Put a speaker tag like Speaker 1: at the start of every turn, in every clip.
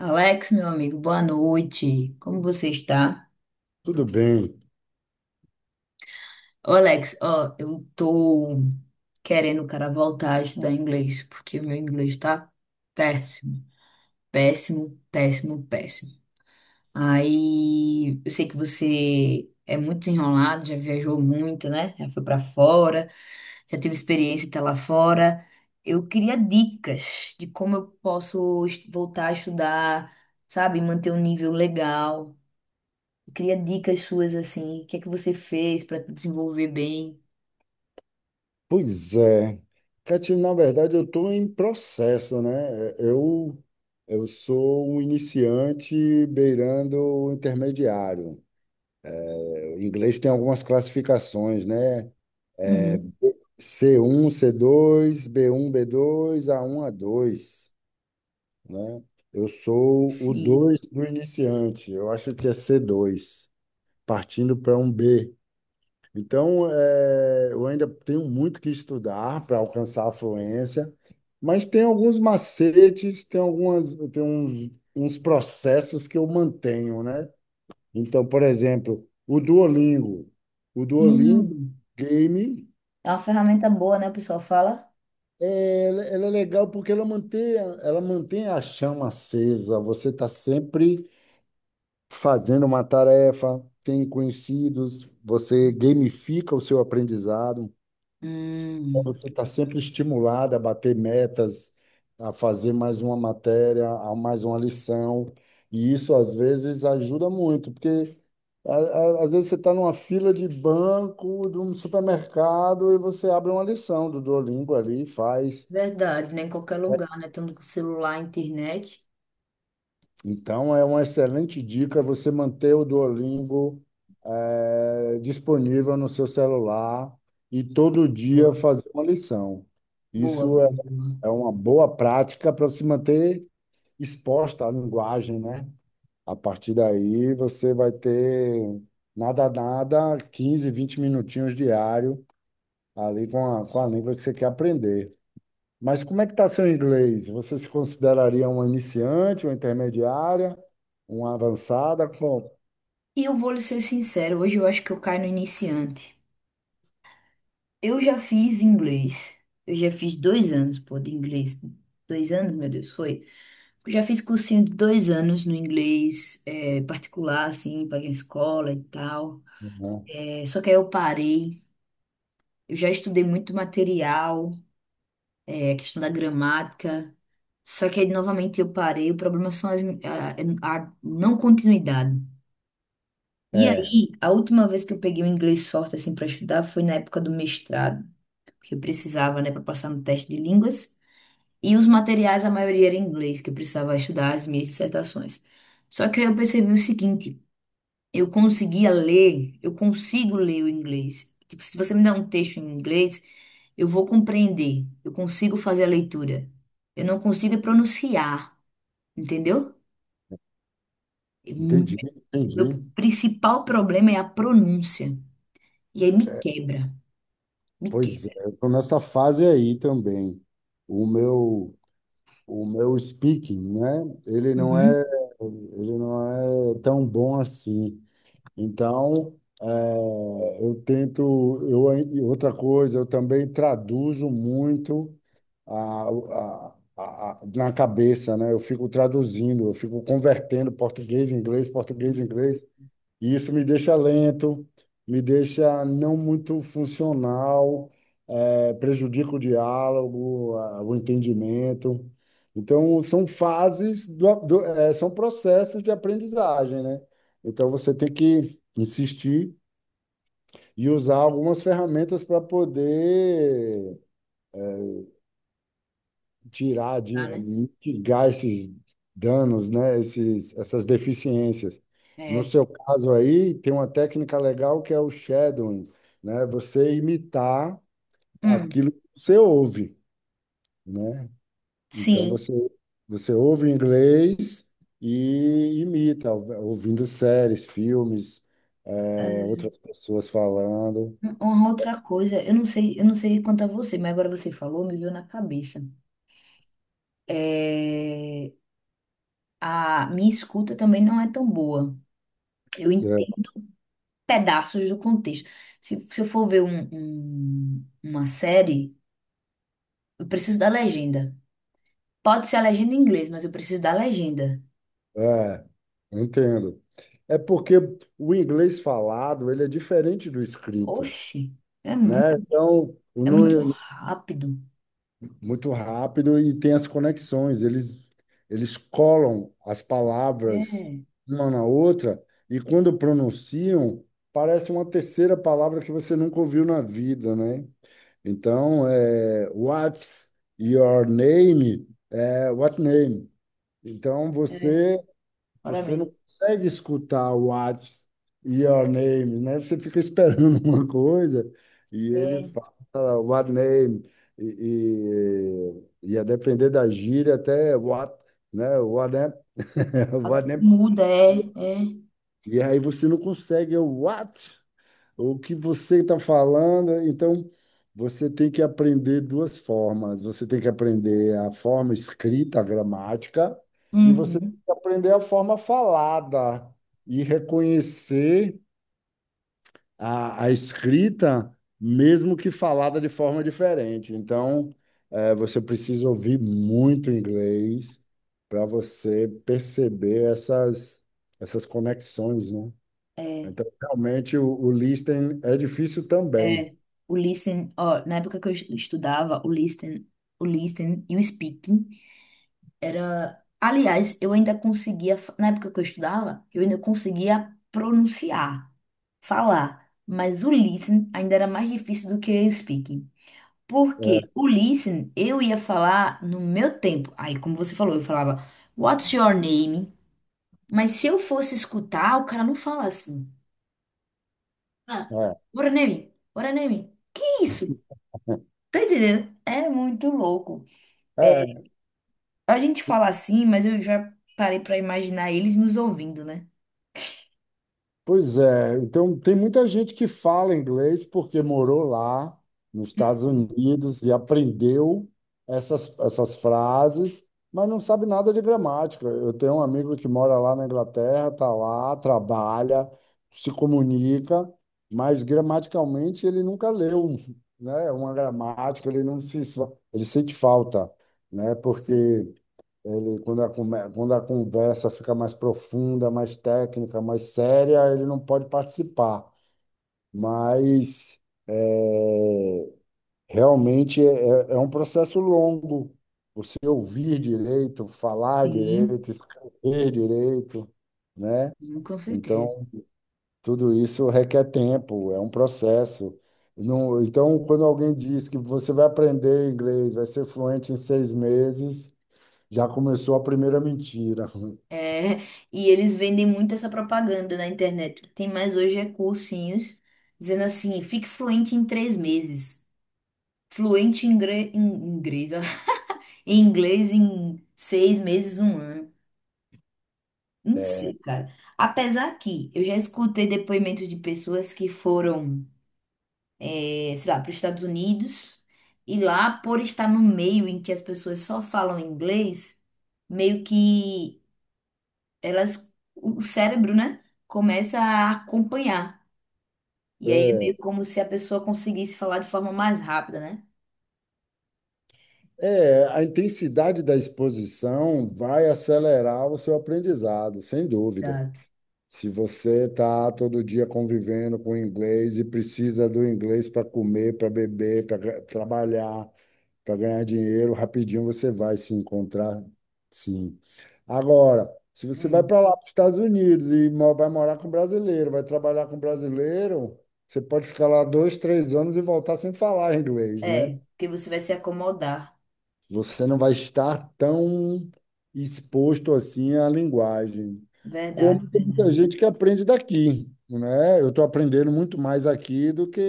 Speaker 1: Alex, meu amigo, boa noite. Como você está?
Speaker 2: Tudo bem.
Speaker 1: Ô, Alex, ó, eu tô querendo, cara, voltar a estudar inglês, porque o meu inglês tá péssimo, péssimo, péssimo, péssimo. Aí, eu sei que você é muito desenrolado, já viajou muito, né? Já foi pra fora, já teve experiência até lá fora. Eu queria dicas de como eu posso voltar a estudar, sabe, manter um nível legal. Eu queria dicas suas assim. O que é que você fez para desenvolver bem?
Speaker 2: Pois é. Catine, na verdade, eu estou em processo, né? Eu sou um iniciante beirando o intermediário. O inglês tem algumas classificações, né?
Speaker 1: Uhum.
Speaker 2: C1 C2 B1 B2 A1 A2 né? Eu sou o
Speaker 1: Sim.
Speaker 2: 2 do iniciante. Eu acho que é C2 partindo para um B. Então, eu ainda tenho muito que estudar para alcançar a fluência, mas tem alguns macetes, tem algumas, tem uns processos que eu mantenho, né? Então, por exemplo, o Duolingo. O Duolingo
Speaker 1: Sim.
Speaker 2: Game,
Speaker 1: É uma ferramenta boa, né? O pessoal fala.
Speaker 2: ela é legal porque ela mantém a chama acesa. Você está sempre fazendo uma tarefa, tem conhecidos, você gamifica o seu aprendizado. Então,
Speaker 1: Hum,
Speaker 2: você está sempre estimulado a bater metas, a fazer mais uma matéria, a mais uma lição, e isso às vezes ajuda muito, porque às vezes você está numa fila de banco, de um supermercado, e você abre uma lição do Duolingo ali e faz.
Speaker 1: verdade, né? Em qualquer lugar, né? Tanto com celular, internet.
Speaker 2: Então é uma excelente dica você manter o Duolingo disponível no seu celular e todo dia
Speaker 1: Boa.
Speaker 2: fazer uma lição.
Speaker 1: Boa,
Speaker 2: Isso é
Speaker 1: boa, boa.
Speaker 2: é uma boa prática para se manter exposta à linguagem, né? A partir daí você vai ter nada, nada, 15, 20 minutinhos diário ali com a língua que você quer aprender. Mas como é que está seu inglês? Você se consideraria uma iniciante, uma intermediária, uma avançada?
Speaker 1: E eu vou lhe ser sincero, hoje eu acho que eu caio no iniciante. Eu já fiz inglês. Eu já fiz 2 anos, pô, de inglês. 2 anos, meu Deus, foi. Eu já fiz cursinho de 2 anos no inglês, particular, assim, paguei a escola e tal.
Speaker 2: Uhum.
Speaker 1: É, só que aí eu parei. Eu já estudei muito material, é, a questão da gramática. Só que aí novamente eu parei. O problema são as, a não continuidade. E
Speaker 2: É,
Speaker 1: aí, a última vez que eu peguei o inglês forte assim para estudar foi na época do mestrado, que eu precisava, né, para passar no teste de línguas. E os materiais, a maioria era em inglês, que eu precisava estudar as minhas dissertações. Só que aí eu percebi o seguinte. Eu conseguia ler, eu consigo ler o inglês. Tipo, se você me dá um texto em inglês, eu vou compreender. Eu consigo fazer a leitura. Eu não consigo pronunciar, entendeu? Eu-
Speaker 2: entendi,
Speaker 1: Meu
Speaker 2: entendi.
Speaker 1: principal problema é a pronúncia. E aí me quebra, me
Speaker 2: Pois é,
Speaker 1: quebra.
Speaker 2: eu estou nessa fase aí também. O meu O meu speaking, né? Ele não
Speaker 1: Uhum.
Speaker 2: é, ele não é tão bom assim. Então, eu tento, e outra coisa, eu também traduzo muito na cabeça, né? Eu fico traduzindo, eu fico convertendo português em inglês, e isso me deixa lento, me deixa não muito funcional, é, prejudica o diálogo, o entendimento. Então, são fases, são processos de aprendizagem, né? Então, você tem que insistir e usar algumas ferramentas para poder tirar, de,
Speaker 1: Tá, né?
Speaker 2: mitigar esses danos, né? Esses, essas deficiências. No
Speaker 1: É,
Speaker 2: seu caso aí, tem uma técnica legal que é o shadowing, né? Você imitar
Speaker 1: hum,
Speaker 2: aquilo que você ouve, né? Então
Speaker 1: sim.
Speaker 2: você ouve em inglês e imita, ouvindo séries, filmes, é,
Speaker 1: É,
Speaker 2: outras pessoas falando.
Speaker 1: uma outra coisa, eu não sei quanto a você, mas agora você falou, me veio na cabeça. É, a minha escuta também não é tão boa. Eu entendo pedaços do contexto. Se eu for ver uma série, eu preciso da legenda. Pode ser a legenda em inglês, mas eu preciso da legenda.
Speaker 2: É, é, entendo. É porque o inglês falado, ele é diferente do escrito,
Speaker 1: Oxi, é muito,
Speaker 2: né? Então,
Speaker 1: é muito
Speaker 2: no,
Speaker 1: rápido.
Speaker 2: muito rápido e tem as conexões. Eles colam as palavras
Speaker 1: É,
Speaker 2: uma na outra e quando pronunciam, parece uma terceira palavra que você nunca ouviu na vida, né? Então, é, what's your name? É, what name? Então,
Speaker 1: é,
Speaker 2: você
Speaker 1: ora
Speaker 2: você não
Speaker 1: bem.
Speaker 2: consegue escutar o What's Your Name, né? Você fica esperando uma coisa e ele
Speaker 1: É,
Speaker 2: fala What Name e, e a depender da gíria até What, né? What name, What name.
Speaker 1: muda, é, é.
Speaker 2: E aí você não consegue é o What. O que você está falando, então você tem que aprender duas formas. Você tem que aprender a forma escrita, a gramática, e você tem
Speaker 1: Uhum,
Speaker 2: que aprender a forma falada e reconhecer a escrita, mesmo que falada de forma diferente. Então, você precisa ouvir muito inglês para você perceber essas conexões, né?
Speaker 1: é,
Speaker 2: Então, realmente, o listening é difícil também.
Speaker 1: é. O listen, ó, na época que eu estudava, o listen e o speaking. Era, aliás, eu ainda conseguia, na época que eu estudava, eu ainda conseguia pronunciar, falar, mas o listening ainda era mais difícil do que o speaking.
Speaker 2: É,
Speaker 1: Porque o listening eu ia falar no meu tempo. Aí, como você falou, eu falava What's your name? Mas se eu fosse escutar, o cara não fala assim. Ah,
Speaker 2: é,
Speaker 1: what a name? What a name? Que isso? Tá entendendo? É muito louco.
Speaker 2: é.
Speaker 1: É,
Speaker 2: É.
Speaker 1: a gente fala assim, mas eu já parei pra imaginar eles nos ouvindo, né?
Speaker 2: Pois é, então tem muita gente que fala inglês porque morou lá nos Estados Unidos e aprendeu essas frases, mas não sabe nada de gramática. Eu tenho um amigo que mora lá na Inglaterra, está lá, trabalha, se comunica, mas gramaticalmente ele nunca leu, né, uma gramática, ele não se, ele sente falta, né, porque e quando a conversa fica mais profunda, mais técnica, mais séria, ele não pode participar. Mas é, realmente é, é um processo longo. Você ouvir direito, falar
Speaker 1: Sim,
Speaker 2: direito, escrever direito, né?
Speaker 1: sim, com certeza.
Speaker 2: Então, tudo isso requer tempo, é um processo. Então, quando alguém diz que você vai aprender inglês, vai ser fluente em 6 meses, já começou a primeira mentira.
Speaker 1: É, e eles vendem muito essa propaganda na internet. O que tem mais hoje é cursinhos dizendo assim: fique fluente em 3 meses, fluente em, em inglês, ó, em inglês em 6 meses, um ano. Não sei, cara. Apesar que eu já escutei depoimentos de pessoas que foram, sei lá, para os Estados Unidos e lá, por estar no meio em que as pessoas só falam inglês, meio que, elas, o cérebro, né, começa a acompanhar. E aí é
Speaker 2: É,
Speaker 1: meio como se a pessoa conseguisse falar de forma mais rápida, né?
Speaker 2: é, a intensidade da exposição vai acelerar o seu aprendizado, sem dúvida.
Speaker 1: Exato.
Speaker 2: Se você está todo dia convivendo com inglês e precisa do inglês para comer, para beber, para trabalhar, para ganhar dinheiro, rapidinho você vai se encontrar, sim. Agora, se você vai
Speaker 1: Hum.
Speaker 2: para lá, para os Estados Unidos, e vai morar com brasileiro, vai trabalhar com brasileiro, você pode ficar lá 2, 3 anos e voltar sem falar inglês, né?
Speaker 1: É, porque você vai se acomodar.
Speaker 2: Você não vai estar tão exposto assim à linguagem,
Speaker 1: Verdade,
Speaker 2: como tem muita
Speaker 1: verdade.
Speaker 2: gente que aprende daqui, né? Eu estou aprendendo muito mais aqui do que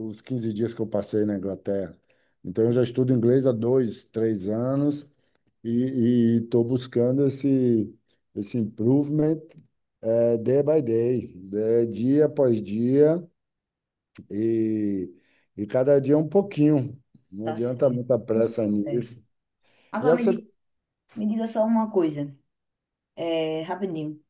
Speaker 2: os 15 dias que eu passei na Inglaterra. Então, eu já estudo inglês há 2, 3 anos e estou buscando esse, improvement, day by day, dia após dia e, e cada dia um pouquinho. Não
Speaker 1: Tá
Speaker 2: adianta
Speaker 1: certo.
Speaker 2: muita
Speaker 1: Nossa,
Speaker 2: pressa
Speaker 1: tá certo.
Speaker 2: nisso. E
Speaker 1: Agora
Speaker 2: é o que você...
Speaker 1: me diga só uma coisa, é, rapidinho.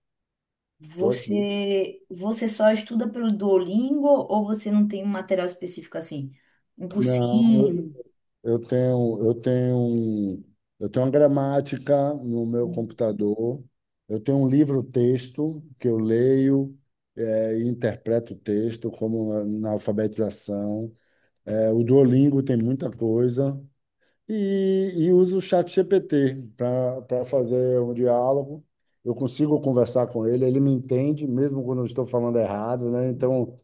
Speaker 2: Estou aqui.
Speaker 1: Você só estuda pelo Duolingo ou você não tem um material específico assim? Um
Speaker 2: Não,
Speaker 1: cursinho?
Speaker 2: eu tenho, eu tenho, um- eu tenho uma gramática no meu computador. Eu tenho um livro-texto que eu leio, e interpreto o texto, como na alfabetização. O Duolingo tem muita coisa. E uso o Chat GPT para fazer um diálogo. Eu consigo conversar com ele, ele me entende, mesmo quando eu estou falando errado, né? Então,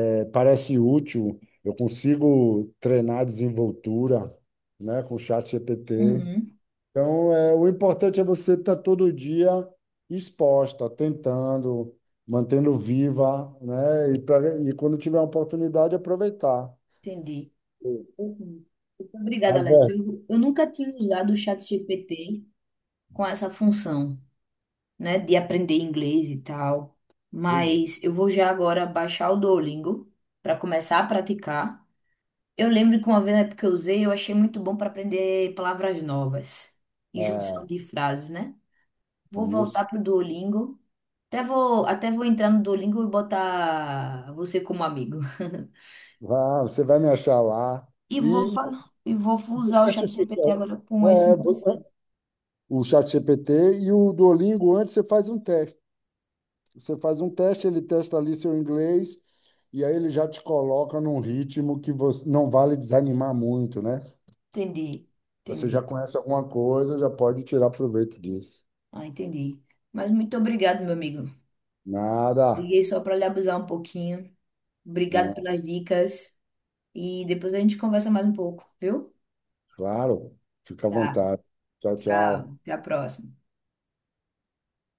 Speaker 2: é, parece útil, eu consigo treinar desenvoltura, né, com o Chat GPT.
Speaker 1: Uhum,
Speaker 2: Então, é, o importante é você estar todo dia exposta, tentando, mantendo viva, né? E quando tiver a oportunidade, aproveitar.
Speaker 1: entendi. Uhum. Obrigada,
Speaker 2: A
Speaker 1: Alex.
Speaker 2: ver-
Speaker 1: Eu nunca tinha usado o ChatGPT com essa função, né, de aprender inglês e tal,
Speaker 2: Pois
Speaker 1: mas eu vou já agora baixar o Duolingo para começar a praticar. Eu lembro que uma vez na época que eu usei, eu achei muito bom para aprender palavras novas e junção
Speaker 2: é,
Speaker 1: de frases, né? Vou voltar
Speaker 2: isso.
Speaker 1: pro Duolingo. Até vou entrar no Duolingo e botar você como amigo.
Speaker 2: Ah, você vai me achar lá.
Speaker 1: E vou,
Speaker 2: E
Speaker 1: fa- e vou
Speaker 2: o
Speaker 1: usar o ChatGPT
Speaker 2: certificado.
Speaker 1: agora com esse
Speaker 2: É,
Speaker 1: intenção.
Speaker 2: o Chat GPT e o Duolingo, antes você faz um teste. Você faz um teste, ele testa ali seu inglês, e aí ele já te coloca num ritmo que você não vale desanimar muito, né?
Speaker 1: Entendi,
Speaker 2: Você
Speaker 1: entendi.
Speaker 2: já conhece alguma coisa, já pode tirar proveito disso.
Speaker 1: Ah, entendi. Mas muito obrigado, meu amigo.
Speaker 2: Nada,
Speaker 1: Liguei só para lhe abusar um pouquinho. Obrigado
Speaker 2: não,
Speaker 1: pelas dicas. E depois a gente conversa mais um pouco, viu?
Speaker 2: claro. Fica à
Speaker 1: Tá,
Speaker 2: vontade. Tchau, tchau.
Speaker 1: tchau. Até a próxima.